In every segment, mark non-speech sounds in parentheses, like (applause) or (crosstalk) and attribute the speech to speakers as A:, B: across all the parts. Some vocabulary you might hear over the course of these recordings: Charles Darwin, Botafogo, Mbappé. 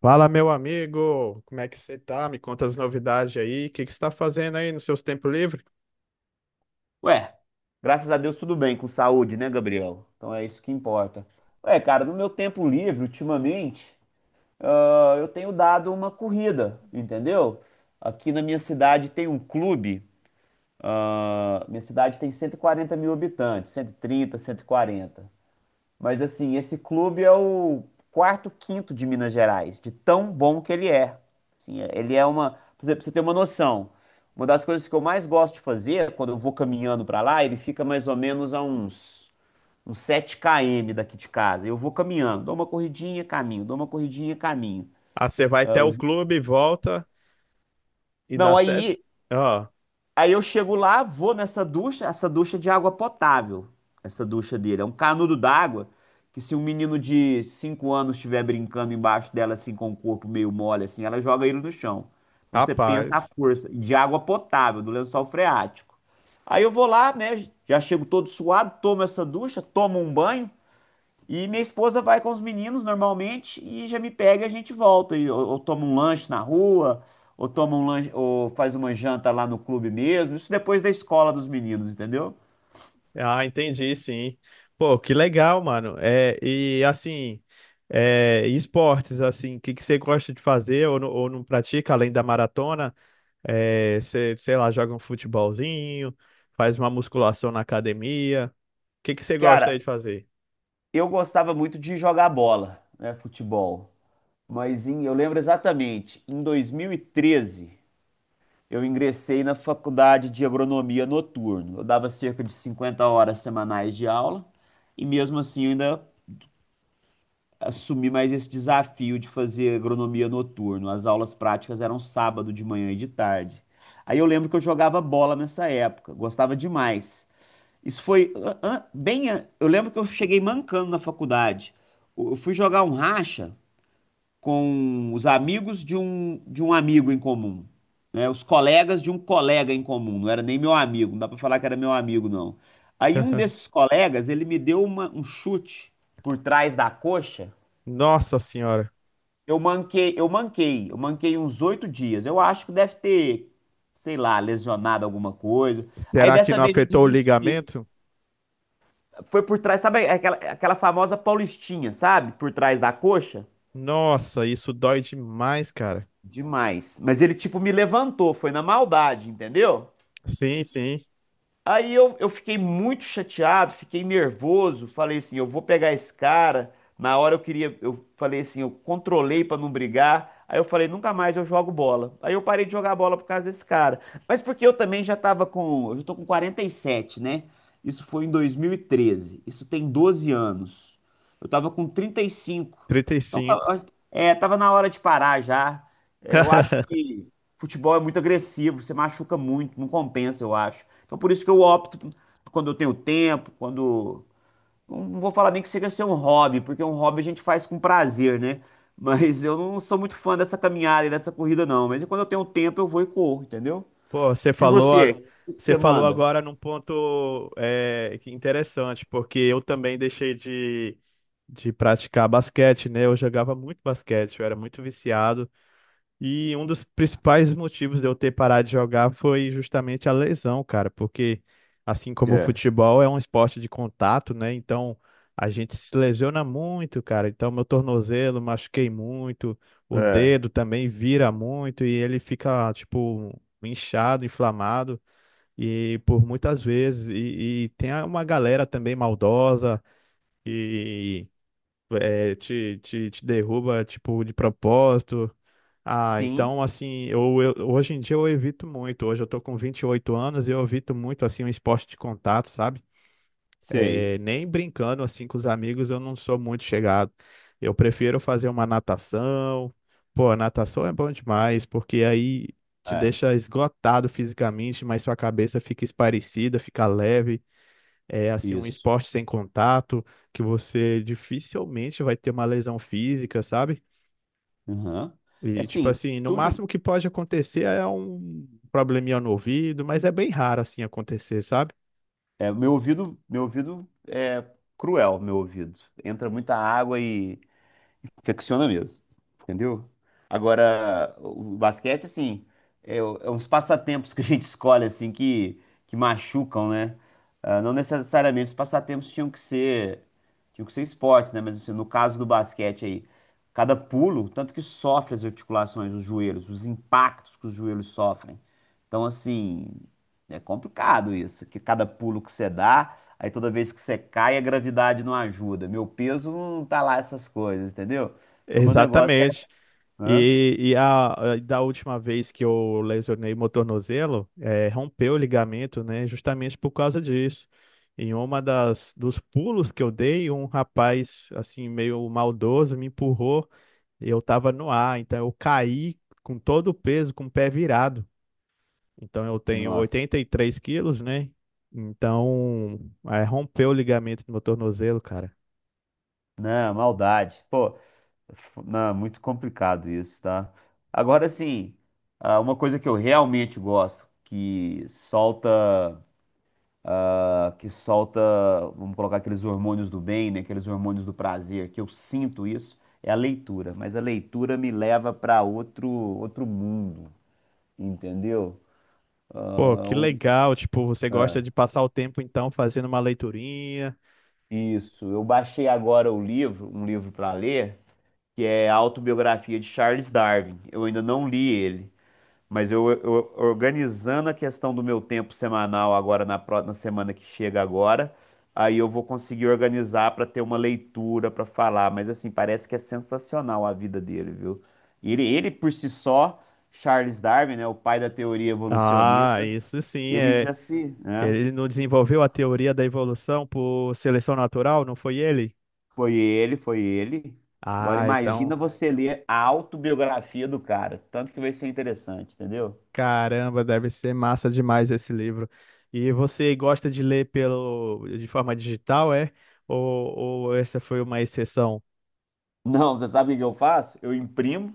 A: Fala, meu amigo, como é que você tá? Me conta as novidades aí. O que que você tá fazendo aí nos seus tempos livres?
B: Ué, graças a Deus, tudo bem, com saúde, né, Gabriel? Então é isso que importa. Ué, cara, no meu tempo livre, ultimamente, eu tenho dado uma corrida, entendeu? Aqui na minha cidade tem um clube, minha cidade tem 140 mil habitantes, cento e trinta, 140. Mas assim, esse clube é o quarto, quinto de Minas Gerais, de tão bom que ele é. Assim, ele é uma, por exemplo, pra você ter uma noção. Uma das coisas que eu mais gosto de fazer quando eu vou caminhando pra lá, ele fica mais ou menos a uns 7 km daqui de casa. Eu vou caminhando, dou uma corridinha, caminho, dou uma corridinha, caminho.
A: Ah, você vai
B: Ah,
A: até o clube, volta e dá
B: não,
A: sete. Ó,
B: aí eu chego lá, vou nessa ducha, essa ducha é de água potável, essa ducha dele. É um canudo d'água que se um menino de 5 anos estiver brincando embaixo dela, assim, com o corpo meio mole, assim, ela joga ele no chão. Então você pensa a
A: rapaz.
B: força de água potável, do lençol freático. Aí eu vou lá, né, já chego todo suado, tomo essa ducha, tomo um banho, e minha esposa vai com os meninos normalmente e já me pega e a gente volta. E, ou toma um lanche na rua, ou toma um lanche, ou faz uma janta lá no clube mesmo. Isso depois da escola dos meninos, entendeu?
A: Ah, entendi, sim. Pô, que legal, mano. É, e assim, é, e esportes, assim, o que que você gosta de fazer ou, ou não pratica além da maratona? É, você, sei lá, joga um futebolzinho, faz uma musculação na academia. O que que você gosta
B: Cara,
A: aí de fazer?
B: eu gostava muito de jogar bola, né, futebol. Eu lembro exatamente, em 2013, eu ingressei na faculdade de agronomia noturno. Eu dava cerca de 50 horas semanais de aula e mesmo assim eu ainda assumir mais esse desafio de fazer agronomia noturno. As aulas práticas eram sábado de manhã e de tarde. Aí eu lembro que eu jogava bola nessa época, gostava demais. Isso foi eu lembro que eu cheguei mancando na faculdade. Eu fui jogar um racha com os amigos de um amigo em comum, né? Os colegas de um colega em comum. Não era nem meu amigo, não dá pra falar que era meu amigo, não. Aí um
A: (laughs)
B: desses colegas, ele me deu um chute por trás da coxa.
A: Nossa senhora.
B: Eu manquei, eu manquei, eu manquei uns 8 dias. Eu acho que deve ter, sei lá, lesionado alguma coisa. Aí
A: Será que
B: dessa
A: não
B: vez eu
A: afetou o
B: desisti.
A: ligamento?
B: Foi por trás, sabe aquela, aquela famosa paulistinha, sabe? Por trás da coxa?
A: Nossa, isso dói demais, cara.
B: Demais. Mas ele tipo me levantou, foi na maldade, entendeu?
A: Sim, sim.
B: Aí eu fiquei muito chateado, fiquei nervoso, falei assim, eu vou pegar esse cara. Na hora eu queria, eu falei assim, eu controlei pra não brigar. Aí eu falei, nunca mais eu jogo bola. Aí eu parei de jogar bola por causa desse cara. Mas porque eu também já tava com, eu já tô com 47, né? Isso foi em 2013. Isso tem 12 anos. Eu tava com 35.
A: Trinta e
B: Então,
A: cinco.
B: tava na hora de parar já. É, eu acho
A: (laughs)
B: que futebol é muito agressivo, você machuca muito, não compensa, eu acho. Então por isso que eu opto quando eu tenho tempo, quando. Não vou falar nem que seja ser um hobby, porque um hobby a gente faz com prazer, né? (laughs) Mas eu não sou muito fã dessa caminhada e dessa corrida, não. Mas quando eu tenho tempo, eu vou e corro, entendeu?
A: Pô,
B: E você? O que
A: você
B: você
A: falou
B: manda?
A: agora num ponto é, que interessante, porque eu também de praticar basquete, né? Eu jogava muito basquete, eu era muito viciado. E um dos principais motivos de eu ter parado de jogar foi justamente a lesão, cara, porque assim como o
B: É,
A: futebol é um esporte de contato, né? Então a gente se lesiona muito, cara. Então meu tornozelo machuquei muito, o
B: é,
A: dedo também vira muito e ele fica, tipo, inchado, inflamado. E por muitas vezes, e tem uma galera também maldosa é, te derruba, tipo, de propósito. Ah,
B: sim,
A: então, assim, hoje em dia eu evito muito. Hoje eu tô com 28 anos e eu evito muito, assim, um esporte de contato, sabe?
B: sei.
A: É, nem brincando, assim, com os amigos, eu não sou muito chegado. Eu prefiro fazer uma natação. Pô, a natação é bom demais, porque aí te
B: É,
A: deixa esgotado fisicamente, mas sua cabeça fica esparecida, fica leve. É assim um
B: isso.
A: esporte sem contato, que você dificilmente vai ter uma lesão física, sabe?
B: Uhum. É
A: E tipo
B: assim,
A: assim, no
B: tudo.
A: máximo que pode acontecer é um probleminha no ouvido, mas é bem raro assim acontecer, sabe?
B: É, meu ouvido é cruel, meu ouvido. Entra muita água e infecciona mesmo, entendeu? Agora, o basquete, assim, é uns passatempos que a gente (laughs) escolhe, assim, que machucam, né? Ah, não necessariamente os passatempos tinham que ser esportes, né? Mas assim, no caso do basquete aí, cada pulo, tanto que sofre as articulações, os joelhos, os impactos que os joelhos sofrem. Então, assim, é complicado isso, que cada pulo que você dá. Aí toda vez que você cai, a gravidade não ajuda. Meu peso não tá lá essas coisas, entendeu? Então meu negócio é.
A: Exatamente.
B: Hã?
A: Da última vez que eu lesionei meu tornozelo, rompeu o ligamento, né? Justamente por causa disso. Em uma das dos pulos que eu dei, um rapaz assim meio maldoso me empurrou. Eu tava no ar, então eu caí com todo o peso, com o pé virado. Então eu tenho
B: Nossa.
A: 83 quilos, né? Então, é, rompeu o ligamento do meu tornozelo, cara.
B: Não, maldade. Pô, não, muito complicado isso, tá? Agora sim, uma coisa que eu realmente gosto, que solta, vamos colocar aqueles hormônios do bem, né? Aqueles hormônios do prazer, que eu sinto isso, é a leitura. Mas a leitura me leva para outro mundo, entendeu?
A: Pô,
B: Ah,
A: que legal, tipo, você gosta
B: é.
A: de passar o tempo então fazendo uma leiturinha.
B: Isso, eu baixei agora um livro para ler, que é a Autobiografia de Charles Darwin. Eu ainda não li ele, mas organizando a questão do meu tempo semanal agora na, na semana que chega agora, aí eu vou conseguir organizar para ter uma leitura para falar. Mas assim, parece que é sensacional a vida dele, viu? Ele por si só, Charles Darwin, né, o pai da teoria
A: Ah,
B: evolucionista,
A: isso sim,
B: ele
A: é.
B: já se, né?
A: Ele não desenvolveu a teoria da evolução por seleção natural, não foi ele?
B: Foi ele, foi ele. Agora
A: Ah, então.
B: imagina você ler a autobiografia do cara, tanto que vai ser interessante, entendeu?
A: Caramba, deve ser massa demais esse livro. E você gosta de ler pelo de forma digital, é? Ou essa foi uma exceção?
B: Não, você sabe o que eu faço? Eu imprimo,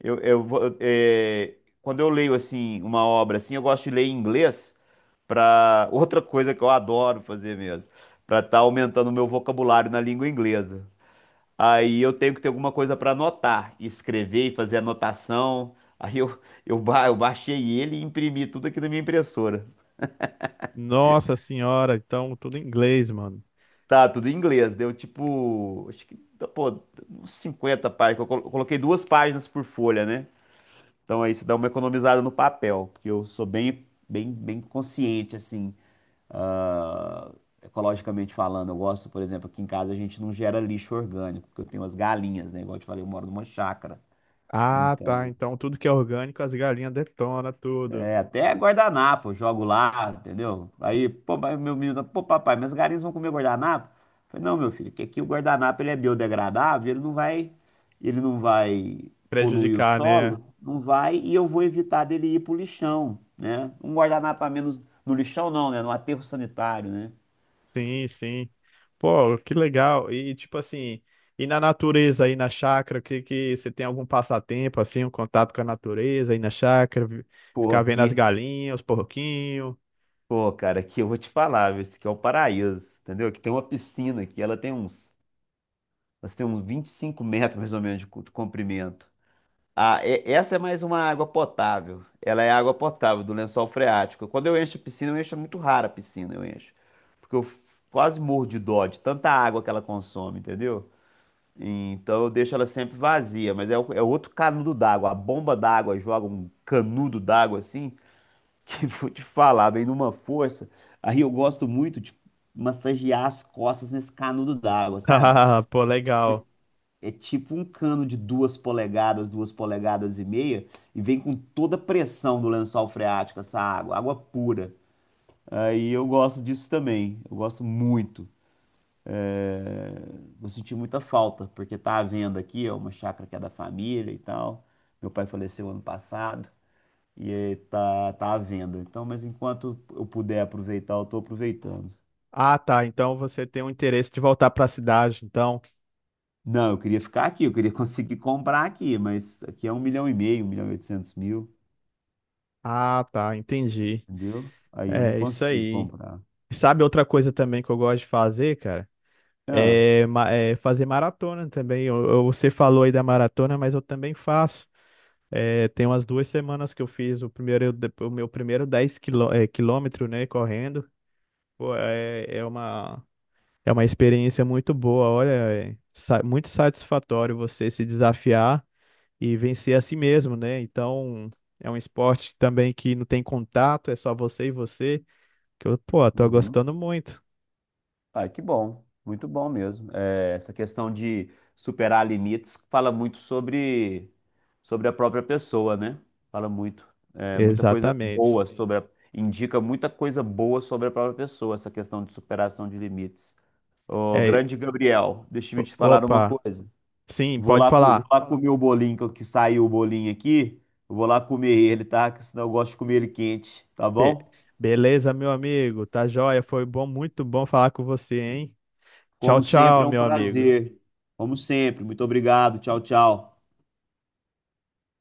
B: eu, vou- eu- é, quando eu leio assim uma obra assim, eu gosto de ler em inglês para (laughs) outra coisa que eu adoro fazer mesmo, para estar aumentando o meu vocabulário na língua inglesa. Aí eu tenho que ter alguma coisa para anotar, escrever e fazer anotação. Aí eu baixei ele e imprimi tudo aqui na minha impressora.
A: Nossa senhora, então tudo em inglês, mano.
B: Tá, tudo em inglês. Deu tipo, acho que, pô, uns 50 páginas. Coloquei 2 páginas por folha, né? Então aí você dá uma economizada no papel, porque eu sou bem consciente, assim, ah, ecologicamente falando. Eu gosto, por exemplo, aqui em casa a gente não gera lixo orgânico, porque eu tenho as galinhas, né? Igual eu te falei, eu moro numa chácara.
A: Ah, tá.
B: Então,
A: Então tudo que é orgânico, as galinhas detonam tudo.
B: é, até guardanapo, eu jogo lá, entendeu? Aí, pô, pai, meu menino, pô, papai, mas os galinhas vão comer guardanapo? Eu falei, não, meu filho, que aqui o guardanapo ele é biodegradável, ele não vai poluir o
A: Prejudicar, né?
B: solo, não vai, e eu vou evitar dele ir pro lixão, né? Um guardanapo a menos no lixão não, né? No aterro sanitário, né?
A: Sim, sim. Pô, que legal. E tipo assim, e na natureza aí na chácara, que você tem algum passatempo assim, um contato com a natureza aí na chácara,
B: Pô,
A: ficar vendo as
B: aqui,
A: galinhas, os porquinhos?
B: pô, cara, aqui eu vou te falar, viu? Esse aqui é o paraíso, entendeu? Aqui tem uma piscina aqui, ela tem uns 25 metros mais ou menos de comprimento. Ah, essa é mais uma água potável. Ela é água potável do lençol freático. Quando eu encho a piscina, eu encho é muito rara a piscina, eu encho. Porque eu quase morro de dó de tanta água que ela consome, entendeu? Então eu deixo ela sempre vazia, mas é outro canudo d'água. A bomba d'água joga um canudo d'água assim, que (laughs) vou te falar, vem numa força. Aí eu gosto muito de massagear as costas nesse canudo d'água,
A: (laughs)
B: sabe?
A: Ah, pô, legal.
B: É tipo um cano de 2 polegadas, 2 polegadas e meia, e vem com toda a pressão do lençol freático, essa água, água pura. Aí eu gosto disso também, eu gosto muito. É, vou sentir muita falta, porque tá à venda aqui, é uma chácara que é da família e tal. Meu pai faleceu ano passado, e aí tá à venda. Então, mas enquanto eu puder aproveitar, eu tô aproveitando.
A: Ah, tá. Então você tem um interesse de voltar para a cidade, então.
B: Não, eu queria ficar aqui, eu queria (laughs) conseguir comprar aqui, mas aqui é 1,5 milhão, 1,8 milhão.
A: Ah, tá, entendi.
B: Entendeu? Aí eu não
A: É isso
B: consigo
A: aí.
B: comprar.
A: Sabe outra coisa também que eu gosto de fazer, cara?
B: Ah,
A: É, é fazer maratona também. Você falou aí da maratona, mas eu também faço. É, tem umas duas semanas que eu fiz o primeiro, o meu primeiro quilômetro, né, correndo. Pô, é, é uma experiência muito boa. Olha, é muito satisfatório você se desafiar e vencer a si mesmo, né? Então, é um esporte também que não tem contato, é só você e você, que eu, pô, tô
B: uhum.
A: gostando muito.
B: Ah, que bom, muito bom mesmo. É, essa questão de superar limites fala muito sobre a própria pessoa, né? Fala muito, é, muita coisa
A: Exatamente.
B: boa sobre a, indica muita coisa boa sobre a própria pessoa, essa questão de superação de limites. Ô,
A: É,
B: grande Gabriel, deixa eu te falar uma
A: opa,
B: coisa.
A: sim,
B: Vou
A: pode
B: lá, vou
A: falar.
B: lá comer o bolinho, que saiu o bolinho aqui. Eu vou lá comer ele, tá? Que senão eu gosto de comer ele quente, tá
A: Be-
B: bom?
A: beleza, meu amigo, tá joia, foi bom, muito bom falar com você, hein? Tchau,
B: Como sempre,
A: tchau,
B: é um
A: meu amigo.
B: prazer. Como sempre. Muito obrigado. Tchau, tchau.